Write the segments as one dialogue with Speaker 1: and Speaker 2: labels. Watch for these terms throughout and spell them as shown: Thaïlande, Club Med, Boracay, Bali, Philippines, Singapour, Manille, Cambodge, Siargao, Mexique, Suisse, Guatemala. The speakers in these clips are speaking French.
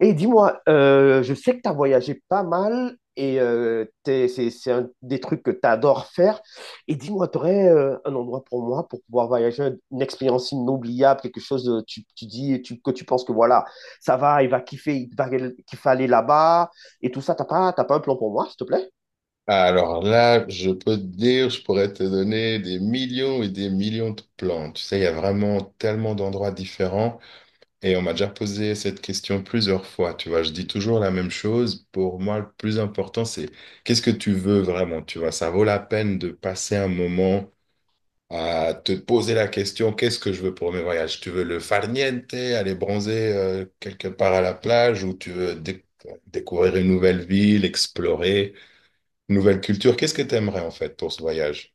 Speaker 1: Et dis-moi, je sais que tu as voyagé pas mal et c'est un des trucs que tu adores faire. Et dis-moi, tu aurais un endroit pour moi pour pouvoir voyager, une expérience inoubliable, quelque chose de- tu dis tu- que tu penses que voilà, ça va, il va kiffer aller là-bas et tout ça. T'as pas un plan pour moi, s'il te plaît?
Speaker 2: Alors là, je peux te dire, je pourrais te donner des millions et des millions de plantes. Tu sais, il y a vraiment tellement d'endroits différents et on m'a déjà posé cette question plusieurs fois. Tu vois, je dis toujours la même chose. Pour moi, le plus important, c'est qu'est-ce que tu veux vraiment? Tu vois, ça vaut la peine de passer un moment à te poser la question, qu'est-ce que je veux pour mes voyages? Tu veux le farniente, aller bronzer quelque part à la plage ou tu veux découvrir une nouvelle ville, explorer? Nouvelle culture, qu'est-ce que tu aimerais en fait pour ce voyage?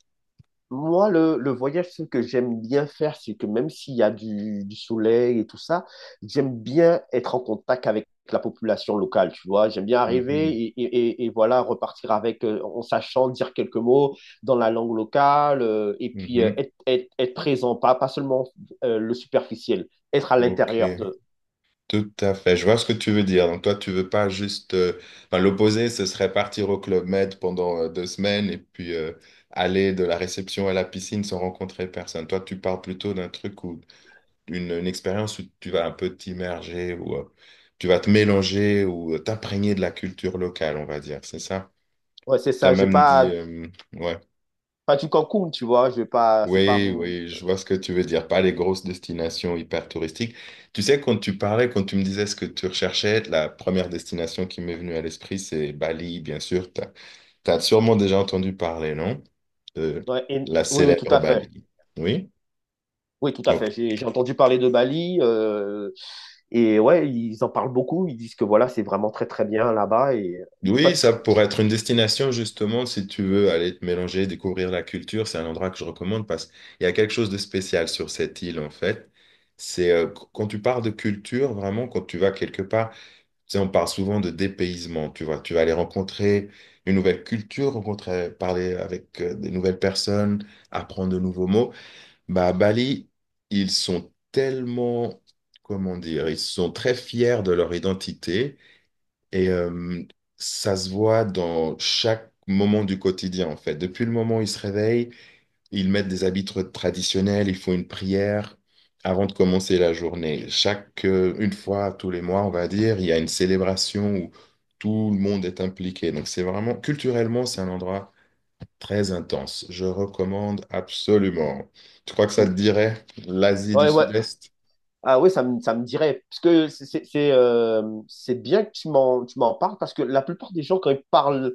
Speaker 1: Moi, le voyage, ce que j'aime bien faire, c'est que même s'il y a du soleil et tout ça, j'aime bien être en contact avec la population locale, tu vois. J'aime bien arriver
Speaker 2: Mhm,
Speaker 1: et voilà, repartir avec, en sachant dire quelques mots dans la langue locale et puis
Speaker 2: mhm,
Speaker 1: être présent, pas seulement le superficiel, être à
Speaker 2: ok,
Speaker 1: l'intérieur de.
Speaker 2: tout à fait. Je vois ce que tu veux dire. Donc toi, tu veux pas juste, enfin, l'opposé, ce serait partir au Club Med pendant 2 semaines et puis aller de la réception à la piscine sans rencontrer personne. Toi, tu parles plutôt d'un truc ou d'une une expérience où tu vas un peu t'immerger ou tu vas te mélanger ou t'imprégner de la culture locale, on va dire. C'est ça?
Speaker 1: Ouais, c'est
Speaker 2: Tu as
Speaker 1: ça, je vais
Speaker 2: même dit...
Speaker 1: pas,
Speaker 2: euh, Ouais.
Speaker 1: pas du Cancun, tu vois. Je vais pas, c'est pas
Speaker 2: Oui,
Speaker 1: mon.
Speaker 2: oui, je vois ce que tu veux dire. Pas les grosses destinations hyper touristiques. Tu sais, quand tu parlais, quand tu me disais ce que tu recherchais, la première destination qui m'est venue à l'esprit, c'est Bali, bien sûr. Tu as, sûrement déjà entendu parler, non? De
Speaker 1: Ouais, et-
Speaker 2: la
Speaker 1: Oui, oui, tout
Speaker 2: célèbre
Speaker 1: à fait.
Speaker 2: Bali. Oui?
Speaker 1: Oui, tout à
Speaker 2: Oh.
Speaker 1: fait. J'ai entendu parler de Bali. Et ouais, ils en parlent beaucoup. Ils disent que voilà, c'est vraiment très très bien là-bas. Et toi,
Speaker 2: Oui, ça pourrait être une destination, justement, si tu veux aller te mélanger, découvrir la culture. C'est un endroit que je recommande parce qu'il y a quelque chose de spécial sur cette île, en fait. Quand tu parles de culture, vraiment, quand tu vas quelque part. Tu sais, on parle souvent de dépaysement, tu vois. Tu vas aller rencontrer une nouvelle culture, rencontrer, parler avec des nouvelles personnes, apprendre de nouveaux mots. Bah, à Bali, ils sont tellement, comment dire, ils sont très fiers de leur identité et ça se voit dans chaque moment du quotidien, en fait. Depuis le moment où ils se réveillent, ils mettent des habits traditionnels, ils font une prière avant de commencer la journée. Une fois tous les mois, on va dire, il y a une célébration où tout le monde est impliqué. Donc c'est vraiment, culturellement, c'est un endroit très intense. Je recommande absolument. Tu crois que ça te dirait l'Asie du
Speaker 1: ouais, ouais.
Speaker 2: Sud-Est?
Speaker 1: Ah oui, ça me dirait. Parce que c'est bien que tu m'en parles parce que la plupart des gens, quand ils parlent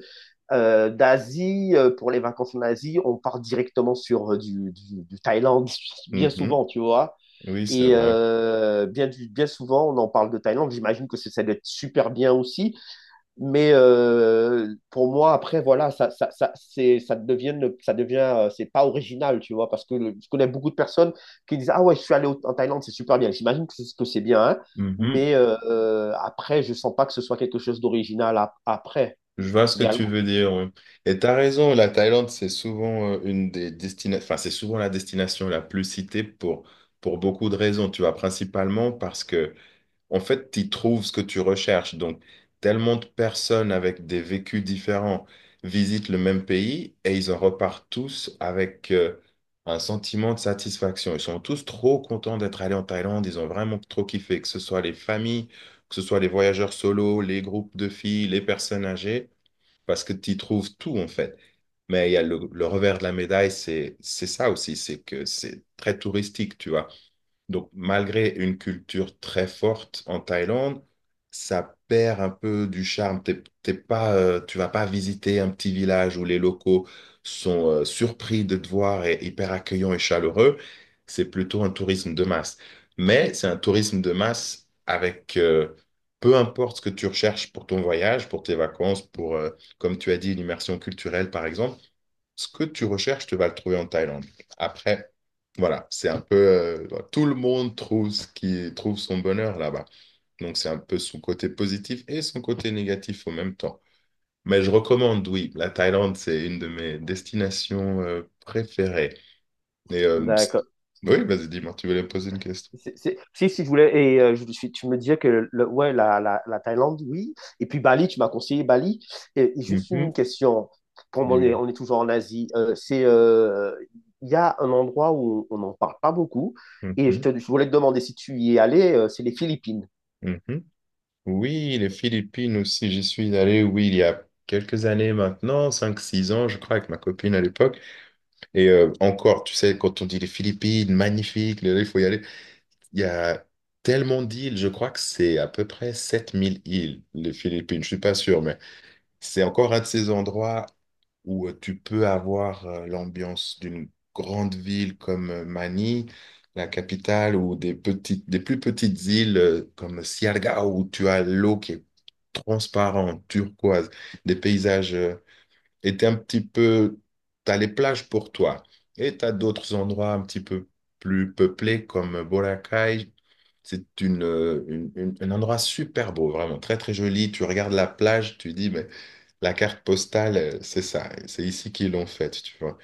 Speaker 1: d'Asie, pour les vacances en Asie, on part directement sur du Thaïlande, bien
Speaker 2: Mhm.
Speaker 1: souvent, tu vois.
Speaker 2: Oui, c'est
Speaker 1: Et
Speaker 2: vrai.
Speaker 1: bien, bien souvent, on en parle de Thaïlande. J'imagine que ça doit être super bien aussi. Mais pour moi, après, voilà, ça, c'est, ça devient, le- ça devient, c'est pas original, tu vois, je connais beaucoup de personnes qui disent, Ah ouais, je suis allé au- en Thaïlande, c'est super bien. J'imagine que c'est bien, hein, mais après, je sens pas que ce soit quelque chose d'original après,
Speaker 2: Je vois ce que tu
Speaker 1: également.
Speaker 2: veux dire. Oui. Et tu as raison, la Thaïlande, c'est souvent une des destinations, enfin, c'est souvent la destination la plus citée pour beaucoup de raisons, tu vois, principalement parce que, en fait, tu trouves ce que tu recherches. Donc, tellement de personnes avec des vécus différents visitent le même pays et ils en repartent tous avec un sentiment de satisfaction. Ils sont tous trop contents d'être allés en Thaïlande, ils ont vraiment trop kiffé, que ce soit les familles, que ce soit les voyageurs solo, les groupes de filles, les personnes âgées parce que tu y trouves tout en fait. Mais il y a le revers de la médaille, c'est ça aussi, c'est que c'est très touristique, tu vois. Donc, malgré une culture très forte en Thaïlande, ça perd un peu du charme. T'es pas, tu vas pas visiter un petit village où les locaux sont surpris de te voir et hyper accueillants et chaleureux. C'est plutôt un tourisme de masse. Mais c'est un tourisme de masse avec peu importe ce que tu recherches pour ton voyage, pour tes vacances, comme tu as dit, l'immersion culturelle, par exemple ce que tu recherches, tu vas le trouver en Thaïlande. Après, voilà, c'est un peu voilà, tout le monde trouve ce qui trouve son bonheur là-bas. Donc, c'est un peu son côté positif et son côté négatif en même temps. Mais je recommande, oui, la Thaïlande, c'est une de mes destinations préférées. Et, euh, pst-
Speaker 1: D'accord.
Speaker 2: oui, vas-y, dis-moi, tu voulais poser une question.
Speaker 1: Si, si, je voulais, et tu me disais ouais, la Thaïlande, oui. Et puis Bali, tu m'as conseillé Bali. Et juste une
Speaker 2: Mhm,
Speaker 1: question, comme
Speaker 2: dis-moi.
Speaker 1: on est toujours en Asie, il y a un endroit où on n'en parle pas beaucoup. Et
Speaker 2: Mhm,
Speaker 1: je voulais te demander si tu y es allé, c'est les Philippines.
Speaker 2: mhm. Oui, les Philippines aussi, j'y suis allé, oui, il y a quelques années maintenant, 5, 6 ans, je crois, avec ma copine à l'époque. Et encore, tu sais, quand on dit les Philippines, magnifique, là, il faut y aller. Il y a tellement d'îles, je crois que c'est à peu près 7000 îles, les Philippines, je suis pas sûr, mais c'est encore un de ces endroits où tu peux avoir l'ambiance d'une grande ville comme Manille, la capitale, ou des plus petites îles comme Siargao, où tu as l'eau qui est transparente, turquoise, des paysages. Était un petit peu, tu as les plages pour toi. Et tu as d'autres endroits un petit peu plus peuplés comme Boracay. C'est un endroit super beau, vraiment très très joli. Tu regardes la plage, tu dis, mais la carte postale, c'est ça, c'est ici qu'ils l'ont faite, tu vois.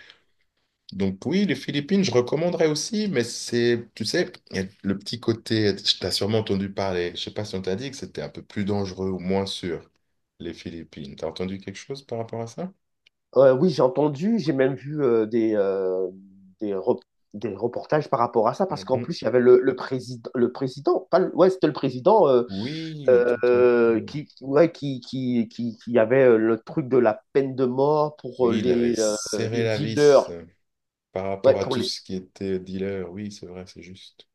Speaker 2: Donc oui, les Philippines, je recommanderais aussi, mais c'est, tu sais, il y a le petit côté, tu as sûrement entendu parler, je sais pas si on t'a dit que c'était un peu plus dangereux ou moins sûr, les Philippines. T'as entendu quelque chose par rapport à ça?
Speaker 1: Oui, j'ai entendu, j'ai même vu des, re- des reportages par rapport à ça, parce qu'en
Speaker 2: Mhm.
Speaker 1: plus, il y avait le président, pas le- ouais, c'était le président
Speaker 2: Oui, tout à fait. Oui,
Speaker 1: qui, ouais, qui avait le truc de la peine de mort pour
Speaker 2: oui, il avait serré
Speaker 1: les
Speaker 2: la vis
Speaker 1: dealers.
Speaker 2: par
Speaker 1: Ouais,
Speaker 2: rapport à
Speaker 1: pour
Speaker 2: tout
Speaker 1: les...
Speaker 2: ce qui était dealer. Oui, c'est vrai, c'est juste.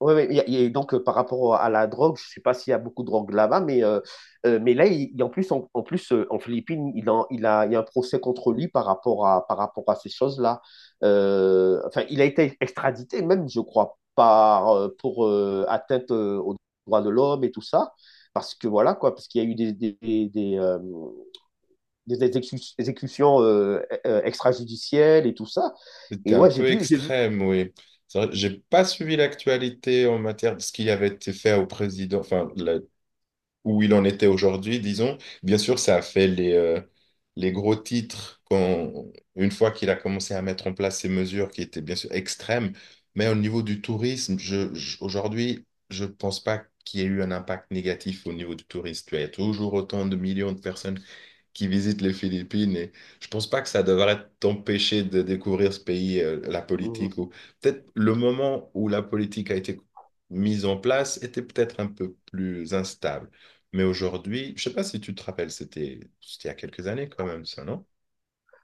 Speaker 1: ouais, ouais, et- Et donc, par rapport à la drogue, je sais pas s'il y a beaucoup de drogue là-bas, mais là, en plus, en plus en Philippines, il y a un procès contre lui par rapport à ces choses-là. Enfin, il a été extradité même, je crois, pour atteinte aux droits de l'homme et tout ça. Parce que voilà, quoi, parce qu'il y a eu des exécutions extrajudicielles et tout ça. Et
Speaker 2: C'était un
Speaker 1: ouais, j'ai
Speaker 2: peu
Speaker 1: vu, j'ai vu.
Speaker 2: extrême, oui. C'est vrai, j'ai pas suivi l'actualité en matière de ce qui avait été fait au président, enfin, la. Où il en était aujourd'hui, disons. Bien sûr, ça a fait les, gros titres quand, une fois qu'il a commencé à mettre en place ces mesures qui étaient bien sûr extrêmes, mais au niveau du tourisme, aujourd'hui, je ne pense pas qu'il y ait eu un impact négatif au niveau du tourisme. Tu vois, il y a toujours autant de millions de personnes qui visite les Philippines. Et je pense pas que ça devrait t'empêcher de découvrir ce pays, la
Speaker 1: Mhm.
Speaker 2: politique, ou peut-être le moment où la politique a été mise en place était peut-être un peu plus instable. Mais aujourd'hui, je sais pas si tu te rappelles, c'était il y a quelques années quand même, ça, non?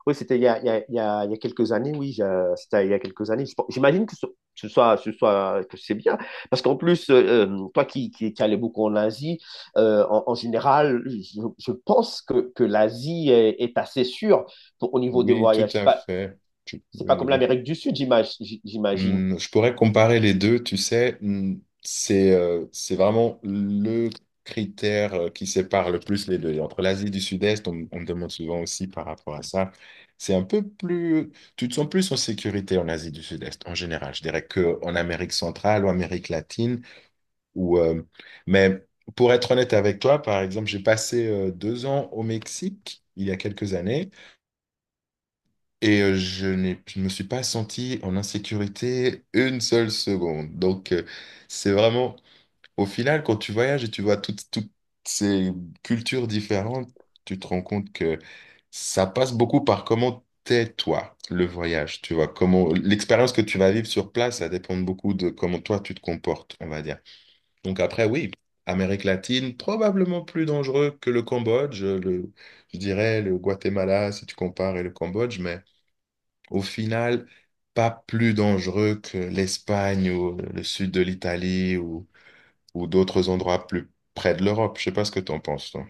Speaker 1: Oui, c'était il y a, il y a, il y a, il y a quelques années, oui, c'était il y a quelques années. J'imagine que que c'est bien. Parce qu'en plus, toi qui allais beaucoup en Asie, en général, je pense que l'Asie est assez sûre pour- au niveau des
Speaker 2: Oui, tout
Speaker 1: voyages.
Speaker 2: à fait.
Speaker 1: C'est
Speaker 2: Oui,
Speaker 1: pas
Speaker 2: oui,
Speaker 1: comme
Speaker 2: oui.
Speaker 1: l'Amérique du Sud, j'imagine.
Speaker 2: Je pourrais comparer les deux, tu sais, c'est vraiment le critère qui sépare le plus les deux. Et entre l'Asie du Sud-Est, on me demande souvent aussi par rapport à ça, c'est un peu plus, tu te sens plus en sécurité en Asie du Sud-Est en général. Je dirais qu'en Amérique centrale ou Amérique latine, ou, euh, mais pour être honnête avec toi, par exemple, j'ai passé 2 ans au Mexique il y a quelques années. Et je ne me suis pas senti en insécurité une seule seconde. Donc, c'est vraiment, au final, quand tu voyages et tu vois toutes ces cultures différentes, tu te rends compte que ça passe beaucoup par comment t'es toi, le voyage. Tu vois, comment l'expérience que tu vas vivre sur place, ça dépend beaucoup de comment toi tu te comportes, on va dire. Donc après, oui, Amérique latine, probablement plus dangereux que le Cambodge, je dirais le Guatemala si tu compares et le Cambodge, mais au final, pas plus dangereux que l'Espagne ou le sud de l'Italie ou d'autres endroits plus près de l'Europe. Je sais pas ce que t'en penses, toi.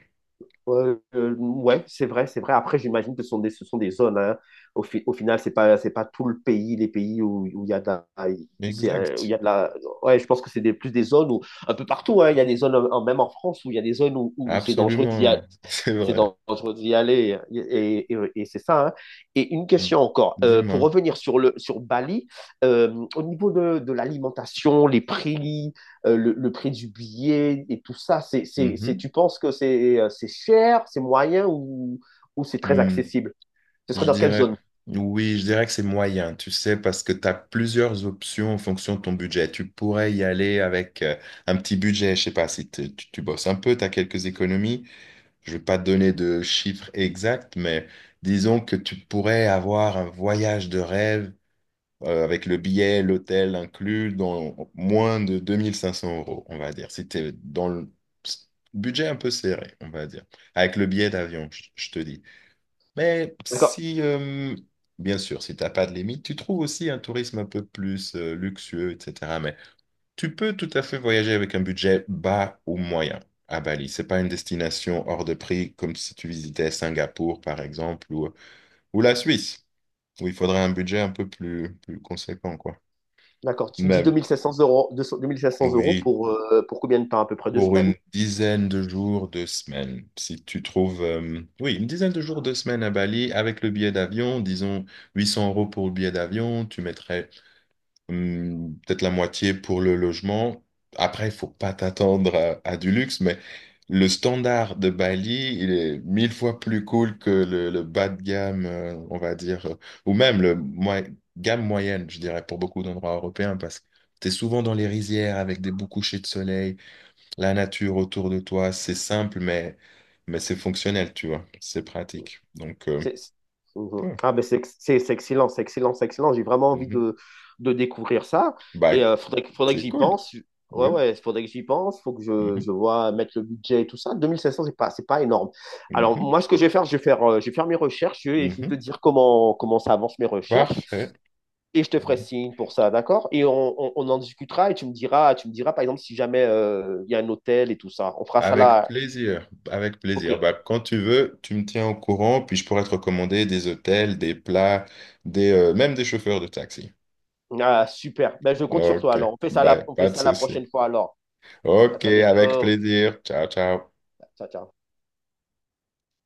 Speaker 1: Ouais, c'est vrai, c'est vrai. Après, j'imagine que ce sont des zones. Hein. Au, au final, c'est pas tout le pays, les pays où il y a de la, où c'est, où il
Speaker 2: Exact.
Speaker 1: y a de la. Ouais, je pense que plus des zones où, un peu partout, hein, il y a des zones, même en France, où il y a des zones où
Speaker 2: Absolument. C'est
Speaker 1: c'est
Speaker 2: vrai.
Speaker 1: dangereux d'y aller. Et c'est ça. Hein. Et une
Speaker 2: Mm.
Speaker 1: question encore. Pour
Speaker 2: Dis-moi.
Speaker 1: revenir sur, le, sur Bali, au niveau de l'alimentation, les prix, le prix du billet et tout ça,
Speaker 2: Mhm.
Speaker 1: tu penses que c'est cher, c'est moyen ou c'est très
Speaker 2: Mm.
Speaker 1: accessible? Ce serait
Speaker 2: Je
Speaker 1: dans quelle
Speaker 2: dirais,
Speaker 1: zone?
Speaker 2: oui, je dirais que c'est moyen, tu sais, parce que tu as plusieurs options en fonction de ton budget. Tu pourrais y aller avec un petit budget, je sais pas, si tu bosses un peu, tu as quelques économies. Je vais pas te donner de chiffres exacts, mais disons que tu pourrais avoir un voyage de rêve avec le billet, l'hôtel inclus, dans moins de 2500 euros, on va dire. Si tu es dans le budget un peu serré, on va dire. Avec le billet d'avion, je te dis. Mais
Speaker 1: D'accord.
Speaker 2: si, bien sûr, si tu n'as pas de limite, tu trouves aussi un tourisme un peu plus luxueux, etc. Mais tu peux tout à fait voyager avec un budget bas ou moyen à Bali. C'est pas une destination hors de prix comme si tu visitais Singapour, par exemple, ou la Suisse, où il faudrait un budget un peu plus conséquent, quoi.
Speaker 1: D'accord. Tu me dis
Speaker 2: Mais
Speaker 1: 2 500 euros, 200 cents euros
Speaker 2: oui,
Speaker 1: pour combien de temps? À peu près deux
Speaker 2: pour
Speaker 1: semaines.
Speaker 2: une dizaine de jours, 2 semaines. Si tu trouves, oui, une dizaine de jours, deux semaines à Bali avec le billet d'avion, disons 800 € pour le billet d'avion, tu mettrais peut-être la moitié pour le logement. Après, il faut pas t'attendre à du luxe, mais le standard de Bali, il est mille fois plus cool que le bas de gamme, on va dire, ou même gamme moyenne, je dirais, pour beaucoup d'endroits européens, parce que tu es souvent dans les rizières avec des beaux couchers de soleil, la nature autour de toi, c'est simple, mais c'est fonctionnel, tu vois, c'est pratique. Donc,
Speaker 1: C'est- Mhm.
Speaker 2: ouais.
Speaker 1: Ah, ben c'est excellent, c'est excellent, c'est excellent. J'ai vraiment envie
Speaker 2: Mhm.
Speaker 1: de découvrir ça.
Speaker 2: Bah,
Speaker 1: Et il faudrait, faudrait que
Speaker 2: c'est
Speaker 1: j'y
Speaker 2: cool,
Speaker 1: pense. Ouais,
Speaker 2: oui.
Speaker 1: ouais, faudrait que j'y pense. Faut que
Speaker 2: Mhm.
Speaker 1: je vois mettre le budget et tout ça. 2 500 c'est pas énorme. Alors,
Speaker 2: Mhm.
Speaker 1: moi, ce que je vais faire, je vais faire mes recherches et je vais te
Speaker 2: Mhm.
Speaker 1: dire comment, comment ça avance mes recherches.
Speaker 2: Parfait.
Speaker 1: Et je te ferai
Speaker 2: Mhm.
Speaker 1: signe pour ça, d'accord? Et on en discutera et tu me diras, par exemple, si jamais il y a un hôtel et tout ça. On fera ça
Speaker 2: Avec
Speaker 1: là.
Speaker 2: plaisir. Avec
Speaker 1: Ok.
Speaker 2: plaisir. Bah, quand tu veux, tu me tiens au courant, puis je pourrais te recommander des hôtels, des plats, même des chauffeurs de taxi.
Speaker 1: Ah, super. Ben, je compte sur toi
Speaker 2: OK.
Speaker 1: alors.
Speaker 2: Bye.
Speaker 1: On fait
Speaker 2: Pas de
Speaker 1: ça la
Speaker 2: souci.
Speaker 1: prochaine fois alors. À
Speaker 2: OK.
Speaker 1: très
Speaker 2: Avec
Speaker 1: bientôt.
Speaker 2: plaisir. Ciao, ciao.
Speaker 1: Ciao, ciao.